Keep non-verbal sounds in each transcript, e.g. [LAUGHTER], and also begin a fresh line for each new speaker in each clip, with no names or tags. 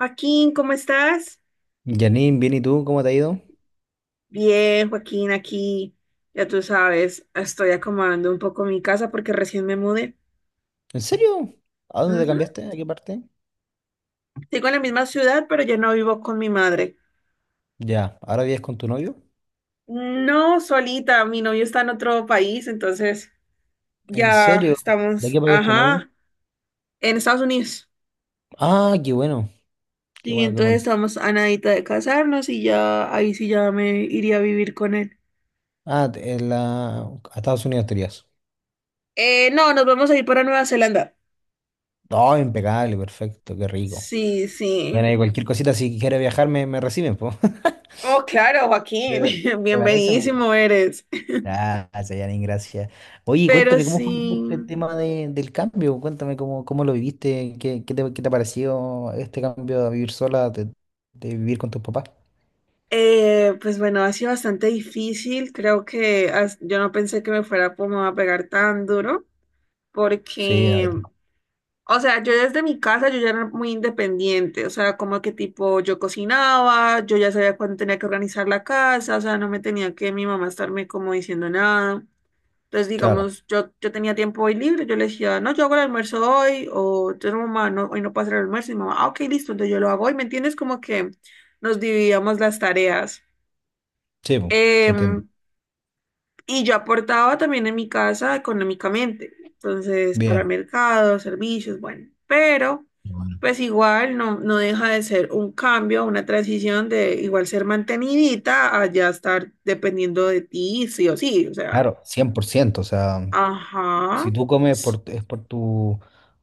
Joaquín, ¿cómo estás?
Janine, bien, ¿y tú? ¿Cómo te ha ido?
Bien, Joaquín, aquí, ya tú sabes, estoy acomodando un poco mi casa porque recién me mudé.
¿En serio? ¿A dónde te
Ujú.
cambiaste? ¿A qué parte?
Sigo en la misma ciudad, pero ya no vivo con mi madre.
Ya, ¿ahora vives con tu novio?
No, solita, mi novio está en otro país, entonces
¿En
ya
serio? ¿De
estamos,
qué país es tu novio?
ajá, en Estados Unidos.
Ah, qué bueno, qué
Sí,
bueno, qué
entonces
bueno.
estamos a nadita de casarnos y ya ahí sí ya me iría a vivir con él.
Ah, a Estados Unidos te irías.
No, nos vamos a ir para Nueva Zelanda.
Oh, impecable, perfecto, qué rico.
Sí,
Bueno,
sí.
y cualquier cosita, si quieres viajar, me reciben, po.
Oh, claro,
[LAUGHS]
Joaquín,
¿Te,
[LAUGHS]
te parece?
bienvenidísimo eres.
Gracias, Yanin, gracias. Oye,
Pero
cuéntame, ¿cómo fue [LAUGHS]
sí,
este tema del cambio? Cuéntame cómo lo viviste, qué te ha parecido este cambio de vivir sola, de vivir con tus papás.
pues bueno, ha sido bastante difícil. Creo que yo no pensé que me fuera como a pegar tan duro,
Sí,
porque, o sea, yo desde mi casa yo ya era muy independiente, o sea, como que tipo yo cocinaba, yo ya sabía cuándo tenía que organizar la casa, o sea, no me tenía que mi mamá estarme como diciendo nada. Entonces,
claro,
digamos, yo tenía tiempo hoy libre, yo le decía, no, yo hago el almuerzo hoy, o yo no, mamá, no, hoy no puedo hacer el almuerzo, y mi mamá, ah, ok, listo, entonces yo lo hago hoy, ¿me entiendes? Como que nos dividíamos las tareas.
sí, po, se entiende.
Em, y yo aportaba también en mi casa económicamente, entonces, para
Bien.
mercados, servicios, bueno, pero
Bueno,
pues igual no deja de ser un cambio, una transición de igual ser mantenidita a ya estar dependiendo de ti, sí o sí, o sea,
claro, 100%, o sea,
ajá.
si tú comes por, es por tu,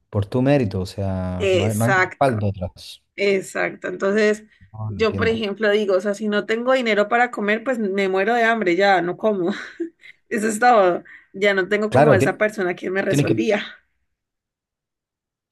por tu mérito, o sea, no hay
Exacto,
respaldo atrás.
exacto. Entonces,
No, no
yo, por
entiendo.
ejemplo, digo, o sea, si no tengo dinero para comer, pues me muero de hambre, ya no como. [LAUGHS] Eso es todo. Ya no tengo como
Claro,
esa persona que me
tienes que.
resolvía,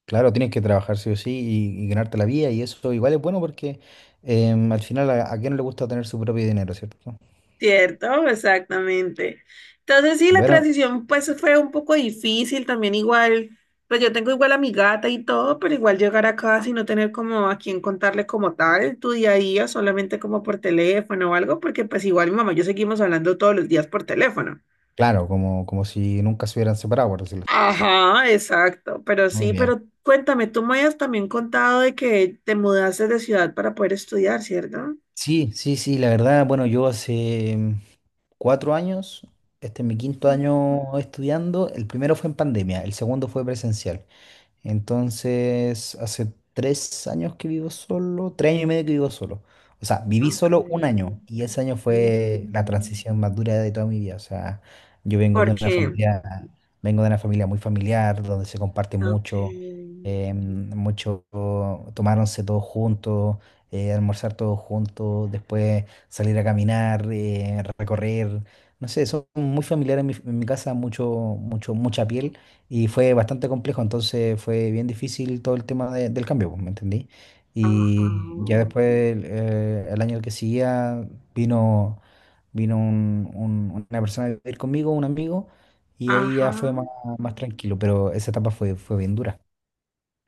Claro, tienes que trabajar sí o sí y ganarte la vida y eso igual es bueno porque al final a quién no le gusta tener su propio dinero, ¿cierto?
[LAUGHS] ¿cierto? Exactamente. Entonces, sí, la
Bueno,
transición, pues fue un poco difícil también, igual, pues yo tengo igual a mi gata y todo, pero igual llegar acá sin no tener como a quien contarle como tal tu día a día, solamente como por teléfono o algo, porque pues igual mi mamá y yo seguimos hablando todos los días por teléfono.
claro, como si nunca se hubieran separado, por decirlo así.
Ajá, exacto, pero
Muy
sí,
bien.
pero cuéntame, tú me has también contado de que te mudaste de ciudad para poder estudiar, ¿cierto?
Sí, sí, sí, la verdad, bueno, yo hace 4 años, este es mi quinto
Ujú.
año estudiando, el primero fue en pandemia, el segundo fue presencial. Entonces, hace 3 años que vivo solo, 3 años y medio que vivo solo. O sea, viví
Ok.
solo un año y ese año fue la
Ujú.
transición más dura de toda mi vida. O sea, yo vengo
¿Por
de una
qué?
familia, vengo de una familia muy familiar, donde se comparte
Ok.
mucho, mucho, tomáronse todos juntos, almorzar todos juntos, después salir a caminar, recorrer. No sé, son muy familiares en mi casa, mucho, mucho, mucha piel. Y fue bastante complejo, entonces fue bien difícil todo el tema del cambio, pues, ¿me entendí?
Ajá.
Y ya después, el año que seguía, vino, vino una persona a vivir conmigo, un amigo, y ahí
Ajá.
ya fue más tranquilo, pero esa etapa fue bien dura.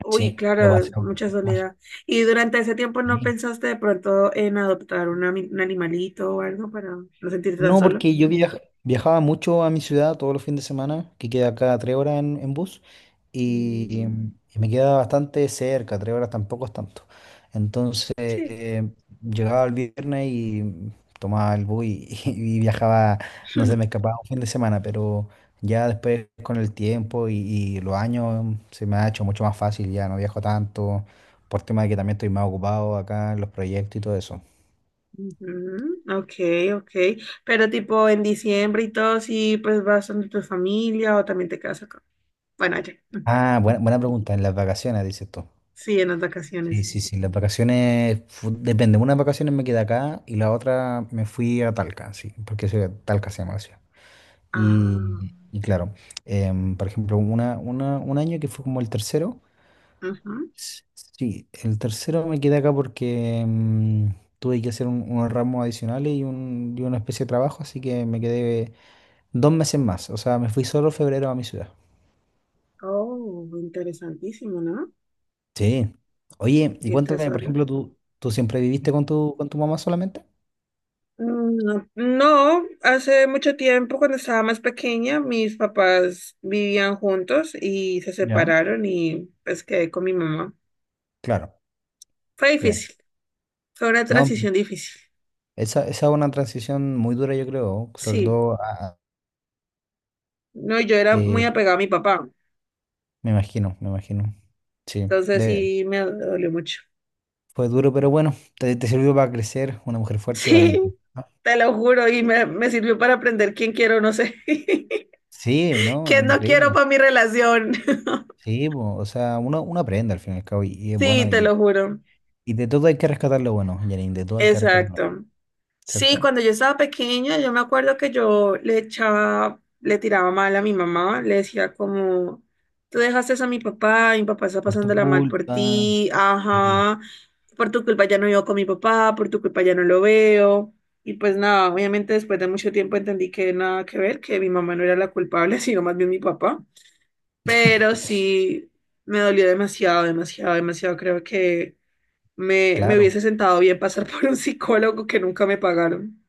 Uy,
Sí, lo
claro,
pasé
es mucha
bastante mal.
soledad. ¿Y durante ese tiempo no
Sí.
pensaste de pronto en adoptar un animalito o algo para no sentirte tan
No,
solo?
porque yo viajaba mucho a mi ciudad todos los fines de semana, que queda cada 3 horas en bus, y,
Mm,
em, y me queda bastante cerca, 3 horas tampoco es tanto. Entonces,
sí.
llegaba el viernes y tomaba el bus y, [LAUGHS] y viajaba, no sé, me
[LAUGHS]
escapaba un fin de semana, pero ya después con el tiempo y los años se me ha hecho mucho más fácil, ya no viajo tanto, por tema de que también estoy más ocupado acá en los proyectos y todo eso.
Ujú, ok, ok. Pero tipo en diciembre y todo, sí, pues vas donde tu familia o también te quedas acá. Bueno, allá. Mm,
Ah, buena, buena pregunta, en las vacaciones, dices tú.
sí, en las
Sí,
vacaciones.
sí, sí, las vacaciones, depende, unas vacaciones me quedé acá y la otra me fui a Talca, sí, porque soy Talca se llama la ciudad.
Ah,
Y claro, por ejemplo, un año que fue como el tercero,
ujú.
sí, el tercero me quedé acá porque tuve que hacer unos ramos adicionales y una especie de trabajo, así que me quedé 2 meses más, o sea, me fui solo febrero a mi ciudad.
Oh, interesantísimo, ¿no?
Sí. Oye, y
Irte
cuéntame, por
solo.
ejemplo, ¿tú siempre viviste con tu mamá solamente?
Mm, no, no, hace mucho tiempo, cuando estaba más pequeña, mis papás vivían juntos y se
Ya.
separaron y pues quedé con mi mamá.
Claro.
Fue
Bien.
difícil, fue una
No,
transición difícil.
esa es una transición muy dura, yo creo, sobre
Sí,
todo,
no, yo era muy
eh,
apegada a mi papá.
me imagino, me imagino. Sí,
Entonces sí me dolió mucho. [LAUGHS]
fue duro, pero bueno, te sirvió para crecer una mujer fuerte y
Sí,
valiente, ¿no?
te lo juro, y me sirvió para aprender quién quiero, no sé, [LAUGHS]
Sí, ¿no? Es
quién no quiero
increíble.
para mi relación. [LAUGHS]
Sí, po, o sea, uno aprende al fin y al cabo y es
Sí,
bueno
te
y,
lo juro.
y de todo hay que rescatar lo bueno, Janine, de todo hay que rescatar lo bueno,
Exacto. Sí,
¿cierto?
cuando yo estaba pequeña, yo me acuerdo que yo le echaba, le tiraba mal a mi mamá, le decía como, tú dejaste eso a mi papá está
Por tu
pasándola mal por
culpa,
ti,
sí,
ajá, por tu culpa ya no vivo con mi papá, por tu culpa ya no lo veo. Y pues nada, obviamente después de mucho tiempo entendí que nada que ver, que mi mamá no era la culpable, [LAUGHS] sino más bien mi papá. Pero sí, me dolió demasiado, demasiado, demasiado. Creo que me
claro.
hubiese sentado bien pasar [LAUGHS] por un psicólogo que nunca me pagaron.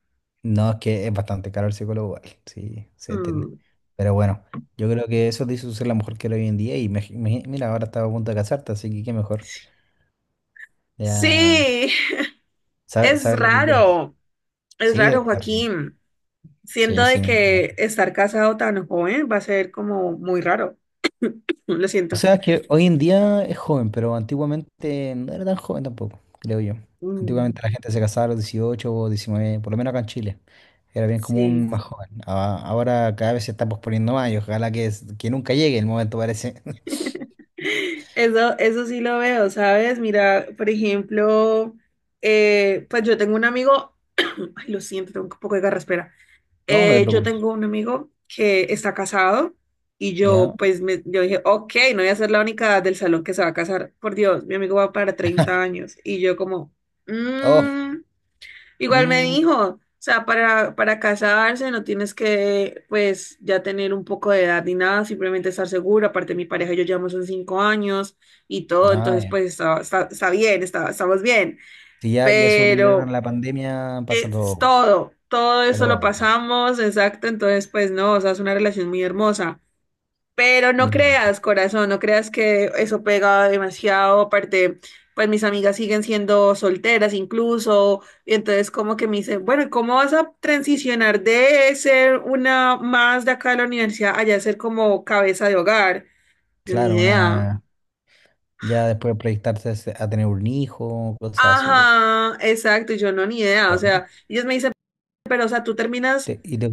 No, es que es bastante caro el psicólogo, igual, sí, se entiende.
Mm,
Pero bueno, yo creo que eso te hizo ser la mujer que eres hoy en día y mira, ahora estaba a punto de casarte, así que qué mejor. Ya
sí,
sabes.
es
Sabes lo que quieres.
raro, es
Sí,
raro,
claro.
Joaquín. Siento
Sí,
de
sí, me
que
imagino.
estar casado tan joven va a ser como muy raro. Lo
O
siento.
sea, es que hoy en día es joven, pero antiguamente no era tan joven tampoco, creo yo.
Mm,
Antiguamente la gente se casaba a los 18 o 19 por lo menos acá en Chile. Era bien
sí,
común más joven. Ahora cada vez se está posponiendo más y ojalá que, que nunca llegue el momento, parece. [LAUGHS]
eso sí lo veo, ¿sabes? Mira, por ejemplo, pues yo tengo un amigo, [COUGHS] [CLEARS THROAT] ay, lo siento, tengo un poco de garraspera.
No, no te
Yo
preocupes.
tengo un amigo que está casado y yo
¿Ya?
pues yo dije, ok, no voy a ser la única del salón que se va a casar. Por Dios, mi amigo va para 30 años. Y yo como,
Oh,
"Mm". Igual me
mm,
dijo, o sea, para casarse no tienes que pues ya tener un poco de edad ni nada, simplemente estar segura. Aparte mi pareja y yo llevamos en 5 años y todo,
ah,
entonces
ya.
pues está, bien, estamos bien.
Si ya, ya sobrevivieron a
Pero.
la pandemia, pasa
Es
todo.
todo, todo eso lo
Todo, ¿no?
pasamos, exacto, entonces pues no, o sea, es una relación muy hermosa, pero no
Ya, ya.
creas, corazón, no creas que eso pega demasiado, aparte, pues mis amigas siguen siendo solteras incluso, y entonces como que me dicen, bueno, ¿y cómo vas a transicionar de ser una más de acá de la universidad allá a ser como cabeza de hogar? Yo ni
Claro,
idea.
ya después proyectarse a tener un hijo, cosas así, po,
Ajá, exacto, y yo no, ni idea, o
¿no?
sea, ellos me dicen, pero o sea, tú terminas.
Te- y te-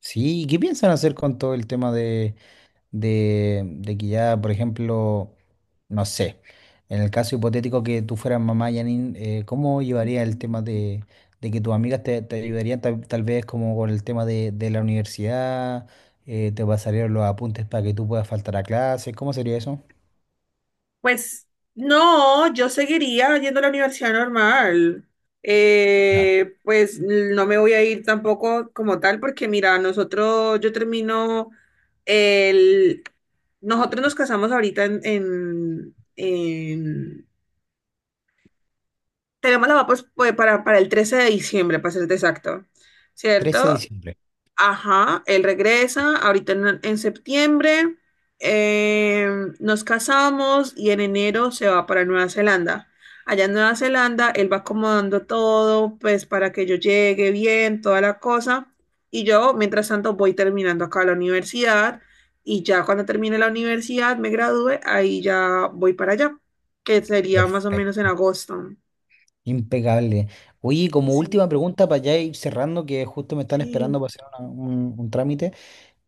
sí, ¿qué piensan hacer con todo el tema de que ya, por ejemplo, no sé, en el caso hipotético que tú fueras mamá, Janine, ¿cómo llevarías el tema de que tus amigas te ayudarían tal vez como con el tema de la universidad? ¿Te pasarían los apuntes para que tú puedas faltar a clases? ¿Cómo sería eso?
Pues no, yo seguiría yendo a la universidad normal.
Ya.
Pues no me voy a ir tampoco como tal, porque mira, nosotros, yo termino el, nosotros nos casamos ahorita tenemos la boda pues, para el 13 de diciembre, para ser exacto,
trece de
¿cierto?
diciembre.
Ajá, él regresa ahorita en septiembre, eh, nos casamos y en enero se va para Nueva Zelanda. Allá en Nueva Zelanda, él va acomodando todo, pues para que yo llegue bien, toda la cosa. Y yo, mientras tanto, voy terminando acá la universidad y ya cuando termine la universidad, me gradúe, ahí ya voy para allá, que sería más o menos en
Perfecto.
agosto.
Impecable. Oye, como
Sí,
última pregunta para ya ir cerrando, que justo me están esperando
sí,
para hacer un trámite.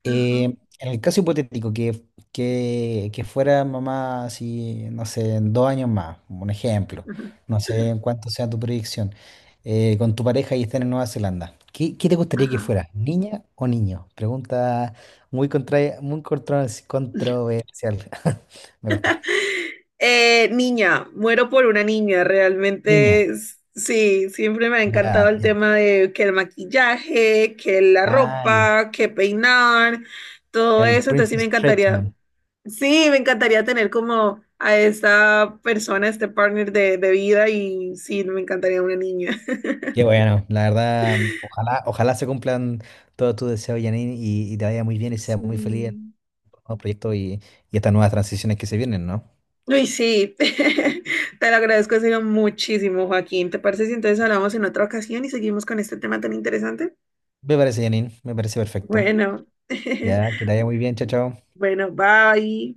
ajá,
En el caso hipotético, que fuera mamá, así, no sé, en 2 años más, un ejemplo,
[LAUGHS]
no sé en cuánto sea tu proyección, con tu pareja y estén en Nueva Zelanda, ¿qué te gustaría que
ajá,
fuera, niña o niño? Pregunta muy
ajá.
controversial. [LAUGHS] Me costó.
Niña, muero por una niña,
Niña.
realmente sí, siempre me ha encantado
Ya,
el
bien.
tema de que el maquillaje, que la
Ah, ya.
ropa, que peinar, todo
El
eso, entonces
Princess Treatment.
sí, me encantaría tener como a esta persona, este partner de vida y sí, me encantaría una niña.
Qué bueno, la verdad, ojalá, ojalá se cumplan todos tus deseos, Janine, y te vaya muy bien
[LAUGHS]
y seas muy feliz.
Sí.
Nuevos proyectos y estas nuevas transiciones que se vienen, ¿no?
Uy, sí, [LAUGHS] te lo agradezco en serio muchísimo, Joaquín. ¿Te parece si entonces hablamos en otra ocasión y seguimos con este tema tan interesante?
Me parece, Janine, me parece perfecto.
Bueno. [LAUGHS]
Ya, que te vaya muy bien, chao, chao.
Bueno, bye.